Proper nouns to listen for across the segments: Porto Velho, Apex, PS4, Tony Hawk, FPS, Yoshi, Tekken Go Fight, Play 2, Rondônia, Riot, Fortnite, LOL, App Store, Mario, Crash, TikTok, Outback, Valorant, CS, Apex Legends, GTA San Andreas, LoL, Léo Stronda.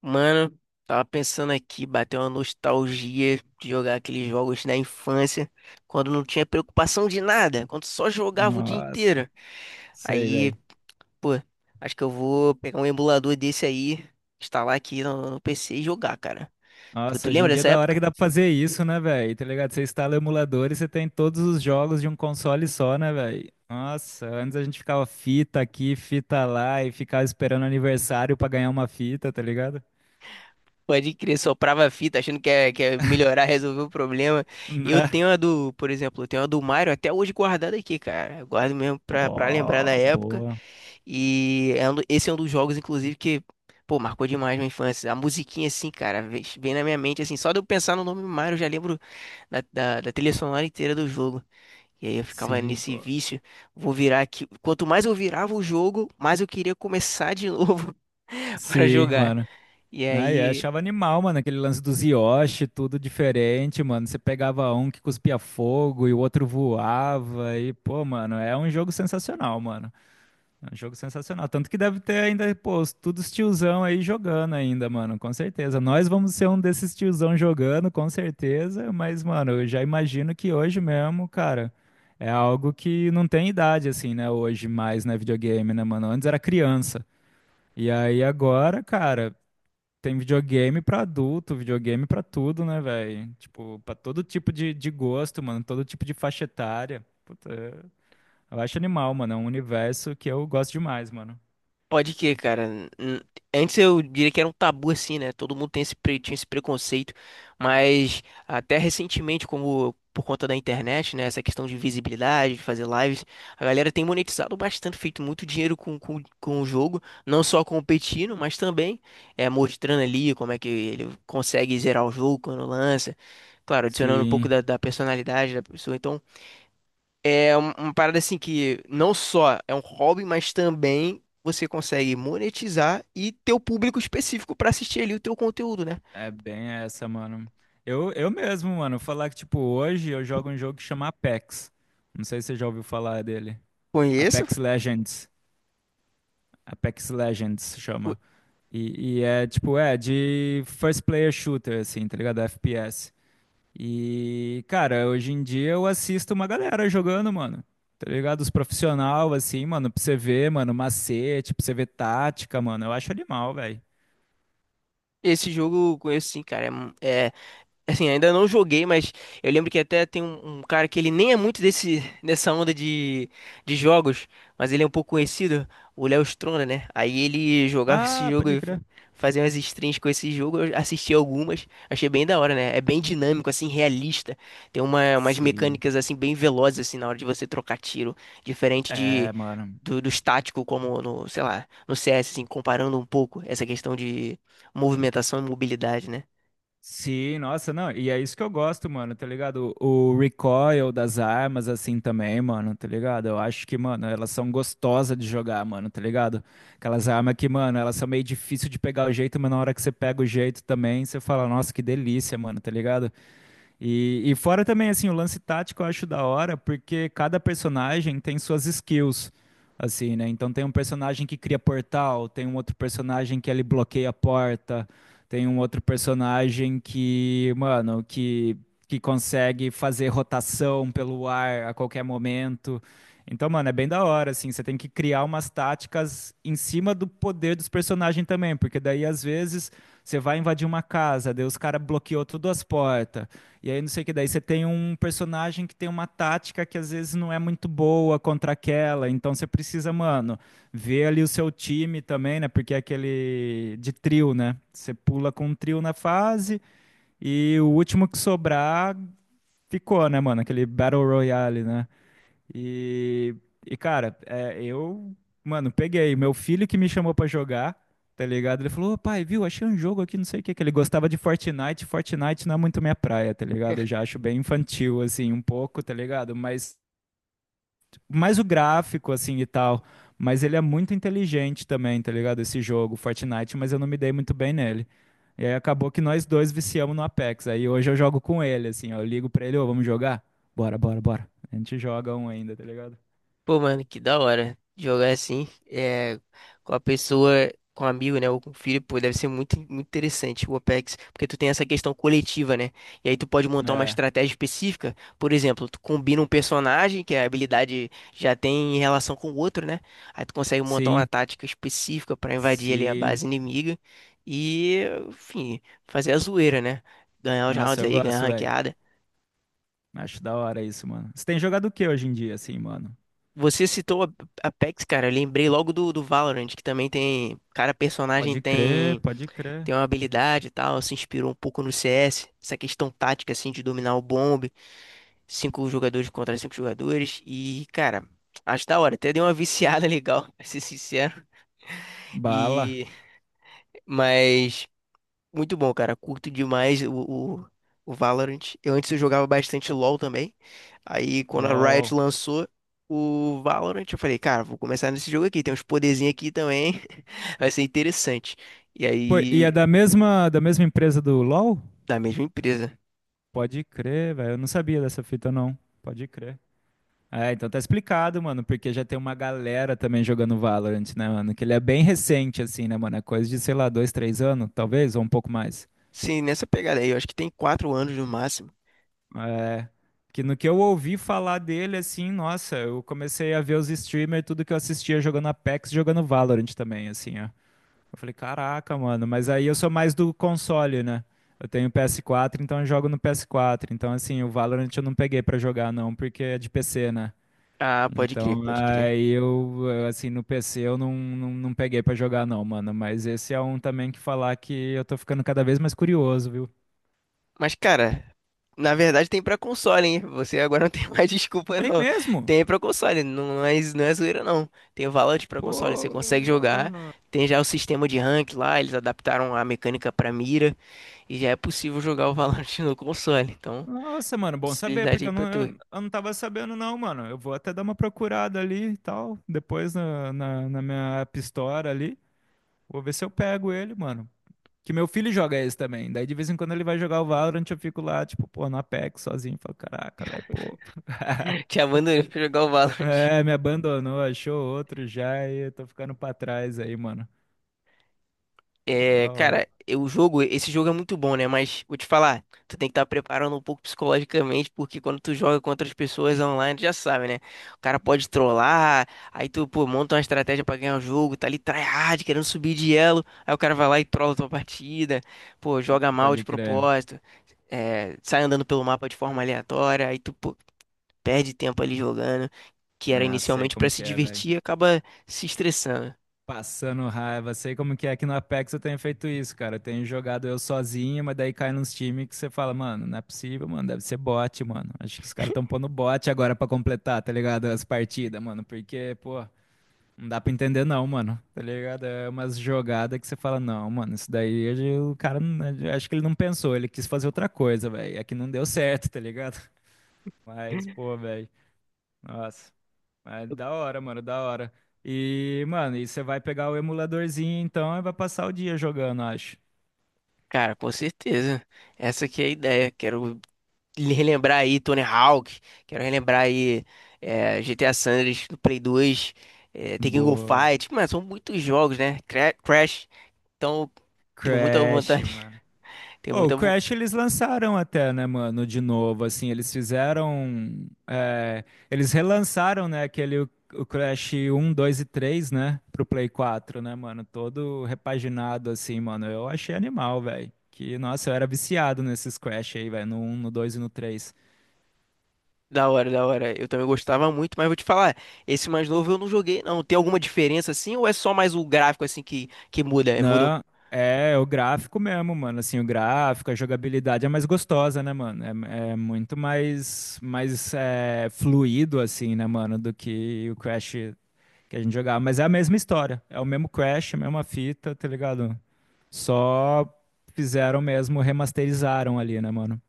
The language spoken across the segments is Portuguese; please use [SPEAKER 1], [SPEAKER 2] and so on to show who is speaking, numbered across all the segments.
[SPEAKER 1] Mano, tava pensando aqui, bateu uma nostalgia de jogar aqueles jogos na infância, quando não tinha preocupação de nada, quando só jogava o dia
[SPEAKER 2] Nossa,
[SPEAKER 1] inteiro.
[SPEAKER 2] sei,
[SPEAKER 1] Aí,
[SPEAKER 2] velho.
[SPEAKER 1] pô, acho que eu vou pegar um emulador desse aí, instalar aqui no PC e jogar, cara. Tu,
[SPEAKER 2] Nossa,
[SPEAKER 1] tu
[SPEAKER 2] hoje em
[SPEAKER 1] lembra
[SPEAKER 2] dia é
[SPEAKER 1] dessa
[SPEAKER 2] da hora que
[SPEAKER 1] época?
[SPEAKER 2] dá pra fazer isso, né, velho? Tá ligado? Você instala o emulador e você tem todos os jogos de um console só, né, velho? Nossa, antes a gente ficava fita aqui, fita lá e ficava esperando aniversário pra ganhar uma fita, tá ligado?
[SPEAKER 1] Pode crer, soprava a fita achando que ia melhorar, resolver o problema. Eu
[SPEAKER 2] Né?
[SPEAKER 1] tenho a do, por exemplo, eu tenho a do Mario até hoje guardada aqui, cara. Eu guardo mesmo pra lembrar da
[SPEAKER 2] Ó,
[SPEAKER 1] época.
[SPEAKER 2] boa.
[SPEAKER 1] E é esse é um dos jogos, inclusive, que, pô, marcou demais minha infância. A musiquinha, assim, cara, vem na minha mente, assim, só de eu pensar no nome Mario, eu já lembro da trilha sonora inteira do jogo. E aí eu ficava
[SPEAKER 2] Sim,
[SPEAKER 1] nesse
[SPEAKER 2] boa.
[SPEAKER 1] vício, vou virar aqui. Quanto mais eu virava o jogo, mais eu queria começar de novo para
[SPEAKER 2] Sim,
[SPEAKER 1] jogar.
[SPEAKER 2] mano.
[SPEAKER 1] E
[SPEAKER 2] Né? Eu
[SPEAKER 1] aí
[SPEAKER 2] achava animal, mano, aquele lance dos Yoshi, tudo diferente, mano. Você pegava um que cuspia fogo e o outro voava. E, pô, mano, é um jogo sensacional, mano. É um jogo sensacional. Tanto que deve ter ainda, pô, os- todos os tiozão aí jogando ainda, mano, com certeza. Nós vamos ser um desses tiozão jogando, com certeza, mas, mano, eu já imagino que hoje mesmo, cara, é algo que não tem idade, assim, né, hoje mais, né, videogame, né, mano? Antes era criança. E aí agora, cara, tem videogame pra adulto, videogame pra tudo, né, velho? Tipo, pra todo tipo de gosto, mano, todo tipo de faixa etária. Puta, eu acho animal, mano, é um universo que eu gosto demais, mano.
[SPEAKER 1] pode que, cara. N- Antes eu diria que era um tabu assim, né? Todo mundo tem esse, tinha esse preconceito, mas até recentemente, como por conta da internet, né? Essa questão de visibilidade, de fazer lives, a galera tem monetizado bastante, feito muito dinheiro com o jogo, não só competindo, mas também é, mostrando ali como é que ele consegue zerar o jogo quando lança. Claro, adicionando um pouco
[SPEAKER 2] Sim,
[SPEAKER 1] da personalidade da pessoa. Então, é uma parada assim que não só é um hobby, mas também você consegue monetizar e ter o público específico pra assistir ali o teu conteúdo, né?
[SPEAKER 2] é bem essa, mano. Eu mesmo, mano, falar que, tipo, hoje eu jogo um jogo que chama Apex. Não sei se você já ouviu falar dele.
[SPEAKER 1] Conheço
[SPEAKER 2] Apex Legends. Apex Legends
[SPEAKER 1] co-
[SPEAKER 2] chama. E é, tipo, é de first player shooter, assim, tá ligado? FPS. E, cara, hoje em dia eu assisto uma galera jogando, mano. Tá ligado? Os profissional, assim, mano, pra você ver, mano, macete, pra você ver tática, mano. Eu acho animal, velho.
[SPEAKER 1] esse jogo, eu conheço sim, cara. Assim, ainda não joguei, mas eu lembro que até tem um cara que ele nem é muito desse, dessa onda de jogos, mas ele é um pouco conhecido, o Léo Stronda, né? Aí ele jogava esse
[SPEAKER 2] Ah,
[SPEAKER 1] jogo
[SPEAKER 2] pode
[SPEAKER 1] e
[SPEAKER 2] crer.
[SPEAKER 1] fazia umas streams com esse jogo, eu assisti algumas, achei bem da hora, né? É bem dinâmico, assim, realista. Tem umas
[SPEAKER 2] Sim.
[SPEAKER 1] mecânicas, assim, bem velozes, assim, na hora de você trocar tiro, diferente
[SPEAKER 2] É, mano.
[SPEAKER 1] dos táticos, como no, sei lá, no CS, assim, comparando um pouco essa questão de movimentação e mobilidade, né?
[SPEAKER 2] Sim, nossa, não, e é isso que eu gosto, mano, tá ligado? O recoil das armas, assim, também, mano, tá ligado? Eu acho que, mano, elas são gostosas de jogar, mano, tá ligado? Aquelas armas que, mano, elas são meio difícil de pegar o jeito, mas na hora que você pega o jeito também, você fala, nossa, que delícia, mano, tá ligado? E fora também, assim, o lance tático eu acho da hora, porque cada personagem tem suas skills, assim, né? Então tem um personagem que cria portal, tem um outro personagem que ele bloqueia a porta, tem um outro personagem que, mano, que consegue fazer rotação pelo ar a qualquer momento. Então, mano, é bem da hora, assim, você tem que criar umas táticas em cima do poder dos personagens também, porque daí, às vezes, você vai invadir uma casa, daí os caras bloqueou todas as portas. E aí, não sei o que, daí você tem um personagem que tem uma tática que às vezes não é muito boa contra aquela, então você precisa, mano, ver ali o seu time também, né? Porque é aquele de trio, né? Você pula com um trio na fase e o último que sobrar ficou, né, mano? Aquele Battle Royale, né? E, e cara, é, eu, mano, peguei. Meu filho que me chamou pra jogar, tá ligado? Ele falou: "Ô, pai, viu? Achei um jogo aqui, não sei o que, que ele gostava de Fortnite. Fortnite não é muito minha praia, tá ligado? Eu já acho bem infantil, assim, um pouco, tá ligado? Mas mais o gráfico, assim e tal. Mas ele é muito inteligente também, tá ligado? Esse jogo, Fortnite, mas eu não me dei muito bem nele. E aí acabou que nós dois viciamos no Apex. Aí hoje eu jogo com ele, assim, ó. Eu ligo pra ele, ô, vamos jogar? Bora, bora, bora. A gente joga um ainda, tá ligado?
[SPEAKER 1] Pô, mano, que da hora jogar assim, é, com a pessoa, com um amigo, né, ou com um filho, pô, deve ser muito, muito interessante o Apex, porque tu tem essa questão coletiva, né, e aí tu pode montar uma
[SPEAKER 2] É,
[SPEAKER 1] estratégia específica, por exemplo, tu combina um personagem que a habilidade já tem em relação com o outro, né, aí tu consegue montar uma
[SPEAKER 2] sim,
[SPEAKER 1] tática específica pra invadir ali a
[SPEAKER 2] sim.
[SPEAKER 1] base inimiga e, enfim, fazer a zoeira, né, ganhar os
[SPEAKER 2] Nossa,
[SPEAKER 1] rounds
[SPEAKER 2] eu
[SPEAKER 1] aí, ganhar a
[SPEAKER 2] gosto, velho.
[SPEAKER 1] ranqueada.
[SPEAKER 2] Acho da hora isso, mano. Você tem jogado o que hoje em dia, assim, mano?
[SPEAKER 1] Você citou a Apex, cara. Eu lembrei logo do Valorant, que também tem. Cada personagem
[SPEAKER 2] Pode crer,
[SPEAKER 1] tem
[SPEAKER 2] pode crer.
[SPEAKER 1] tem uma habilidade e tal. Se inspirou um pouco no CS. Essa questão tática, assim, de dominar o bombe. Cinco jogadores contra cinco jogadores. E, cara, acho da hora. Até deu uma viciada legal, pra ser sincero.
[SPEAKER 2] Bala,
[SPEAKER 1] E. Mas. Muito bom, cara. Curto demais o, o Valorant. Eu antes eu jogava bastante LoL também. Aí quando a Riot
[SPEAKER 2] LOL.
[SPEAKER 1] lançou o Valorant, eu falei, cara, vou começar nesse jogo aqui. Tem uns poderzinhos aqui também. Vai ser interessante. E
[SPEAKER 2] Pô, e é
[SPEAKER 1] aí,
[SPEAKER 2] da mesma, da, mesma empresa do LOL?
[SPEAKER 1] da mesma empresa.
[SPEAKER 2] Pode crer, velho. Eu não sabia dessa fita, não. Pode crer. É, então tá explicado, mano, porque já tem uma galera também jogando Valorant, né, mano? Que ele é bem recente, assim, né, mano? É coisa de, sei lá, dois, três anos, talvez, ou um pouco mais.
[SPEAKER 1] Sim, nessa pegada aí, eu acho que tem 4 anos no máximo.
[SPEAKER 2] Que no que eu ouvi falar dele, assim, nossa, eu comecei a ver os streamers, tudo que eu assistia jogando Apex, jogando Valorant também, assim, ó. Eu falei, caraca, mano, mas aí eu sou mais do console, né? Eu tenho PS4, então eu jogo no PS4. Então, assim, o Valorant eu não peguei pra jogar, não, porque é de PC, né?
[SPEAKER 1] Ah, pode crer,
[SPEAKER 2] Então,
[SPEAKER 1] pode crer.
[SPEAKER 2] aí eu, assim, no PC eu não, não peguei pra jogar, não, mano. Mas esse é um também que falar que eu tô ficando cada vez mais curioso, viu?
[SPEAKER 1] Mas, cara, na verdade tem pra console, hein? Você agora não tem mais desculpa,
[SPEAKER 2] Tem
[SPEAKER 1] não.
[SPEAKER 2] mesmo?
[SPEAKER 1] Tem pra console, não é zoeira, não. Tem o Valorant pra console, você consegue jogar.
[SPEAKER 2] Pô.
[SPEAKER 1] Tem já o sistema de rank lá, eles adaptaram a mecânica pra mira. E já é possível jogar o Valorant no console. Então,
[SPEAKER 2] Nossa, mano, bom saber,
[SPEAKER 1] possibilidade
[SPEAKER 2] porque
[SPEAKER 1] aí
[SPEAKER 2] eu
[SPEAKER 1] pra
[SPEAKER 2] não,
[SPEAKER 1] tu.
[SPEAKER 2] eu não tava sabendo, não, mano. Eu vou até dar uma procurada ali e tal, depois na minha App Store ali. Vou ver se eu pego ele, mano. Que meu filho joga esse também. Daí de vez em quando ele vai jogar o Valorant, eu fico lá, tipo, pô, no Apex sozinho. Falo, caraca, velho, pô.
[SPEAKER 1] Te abandonei pra jogar o Valorant.
[SPEAKER 2] É, me abandonou, achou outro já e eu tô ficando pra trás aí, mano. Pô, da hora.
[SPEAKER 1] O jogo, esse jogo é muito bom, né? Mas vou te falar, tu tem que estar preparando um pouco psicologicamente, porque quando tu joga com outras pessoas online, tu já sabe, né? O cara pode trollar, aí tu, pô, monta uma estratégia pra ganhar o jogo, tá ali tryhard, querendo subir de elo, aí o cara vai lá e trola tua partida, pô, joga mal de
[SPEAKER 2] Pode crer.
[SPEAKER 1] propósito, é, sai andando pelo mapa de forma aleatória, aí tu, pô, perde tempo ali jogando, que era
[SPEAKER 2] É, sei
[SPEAKER 1] inicialmente pra
[SPEAKER 2] como
[SPEAKER 1] se
[SPEAKER 2] que é, velho.
[SPEAKER 1] divertir, e acaba se estressando.
[SPEAKER 2] Passando raiva, sei como que é que no Apex eu tenho feito isso, cara. Eu tenho jogado eu sozinho, mas daí cai nos times que você fala, mano, não é possível, mano, deve ser bot, mano. Acho que os caras estão pondo bot agora pra completar, tá ligado? As partidas, mano, porque, pô, não dá pra entender não, mano, tá ligado? É umas jogadas que você fala, não, mano, isso daí hoje o cara, não- acho que ele não pensou, ele quis fazer outra coisa, velho. É que não deu certo, tá ligado? Mas, pô, velho, nossa. Mas da hora, mano, da hora. E, mano, e você vai pegar o emuladorzinho então e vai passar o dia jogando, acho.
[SPEAKER 1] Cara, com certeza. Essa aqui é a ideia. Quero relembrar aí Tony Hawk, quero relembrar aí é, GTA San Andreas do Play 2, é, Tekken Go
[SPEAKER 2] Boa.
[SPEAKER 1] Fight. Mas são muitos jogos, né? Crash. Então, tenho muita
[SPEAKER 2] Crash,
[SPEAKER 1] vontade.
[SPEAKER 2] mano.
[SPEAKER 1] Tenho
[SPEAKER 2] Ô, o
[SPEAKER 1] muita vo-
[SPEAKER 2] Crash eles lançaram até, né, mano, de novo, assim, eles fizeram, é, eles relançaram, né, aquele, o Crash um 2 e 3 né, pro Play 4, né, mano, todo repaginado, assim, mano, eu achei animal, velho, que, nossa, eu era viciado nesses Crash aí, velho, no um no 2 e no três.
[SPEAKER 1] Da hora, da hora. Eu também gostava muito, mas vou te falar, esse mais novo eu não joguei, não. Tem alguma diferença assim ou é só mais o gráfico assim que muda? É, muda um.
[SPEAKER 2] Não, é, é o gráfico mesmo, mano. Assim, o gráfico, a jogabilidade é mais gostosa, né, mano? É, é muito mais, mais é, fluido, assim, né, mano, do que o Crash que a gente jogava. Mas é a mesma história. É o mesmo Crash, a mesma fita, tá ligado? Só fizeram mesmo, remasterizaram ali, né, mano?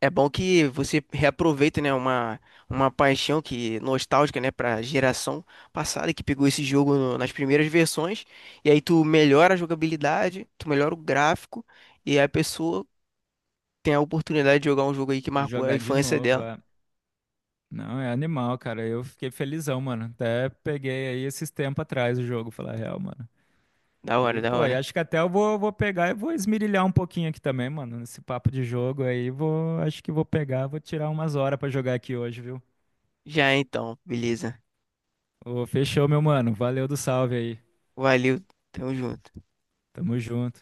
[SPEAKER 1] É bom que você reaproveita, né, uma paixão que nostálgica, né, para geração passada que pegou esse jogo nas primeiras versões, e aí tu melhora a jogabilidade, tu melhora o gráfico, e aí a pessoa tem a oportunidade de jogar um jogo aí que
[SPEAKER 2] De
[SPEAKER 1] marcou a
[SPEAKER 2] jogar de
[SPEAKER 1] infância
[SPEAKER 2] novo,
[SPEAKER 1] dela.
[SPEAKER 2] é. Não, é animal, cara. Eu fiquei felizão, mano. Até peguei aí esses tempos atrás o jogo, falar a real, mano.
[SPEAKER 1] Da hora,
[SPEAKER 2] E,
[SPEAKER 1] da
[SPEAKER 2] pô, e
[SPEAKER 1] hora.
[SPEAKER 2] acho que até eu vou pegar e vou esmirilhar um pouquinho aqui também, mano, nesse papo de jogo aí. Vou, acho que vou pegar, vou tirar umas horas pra jogar aqui hoje, viu?
[SPEAKER 1] Já então, beleza.
[SPEAKER 2] Ô, fechou, meu mano. Valeu do salve aí.
[SPEAKER 1] Valeu, tamo junto.
[SPEAKER 2] Tamo junto.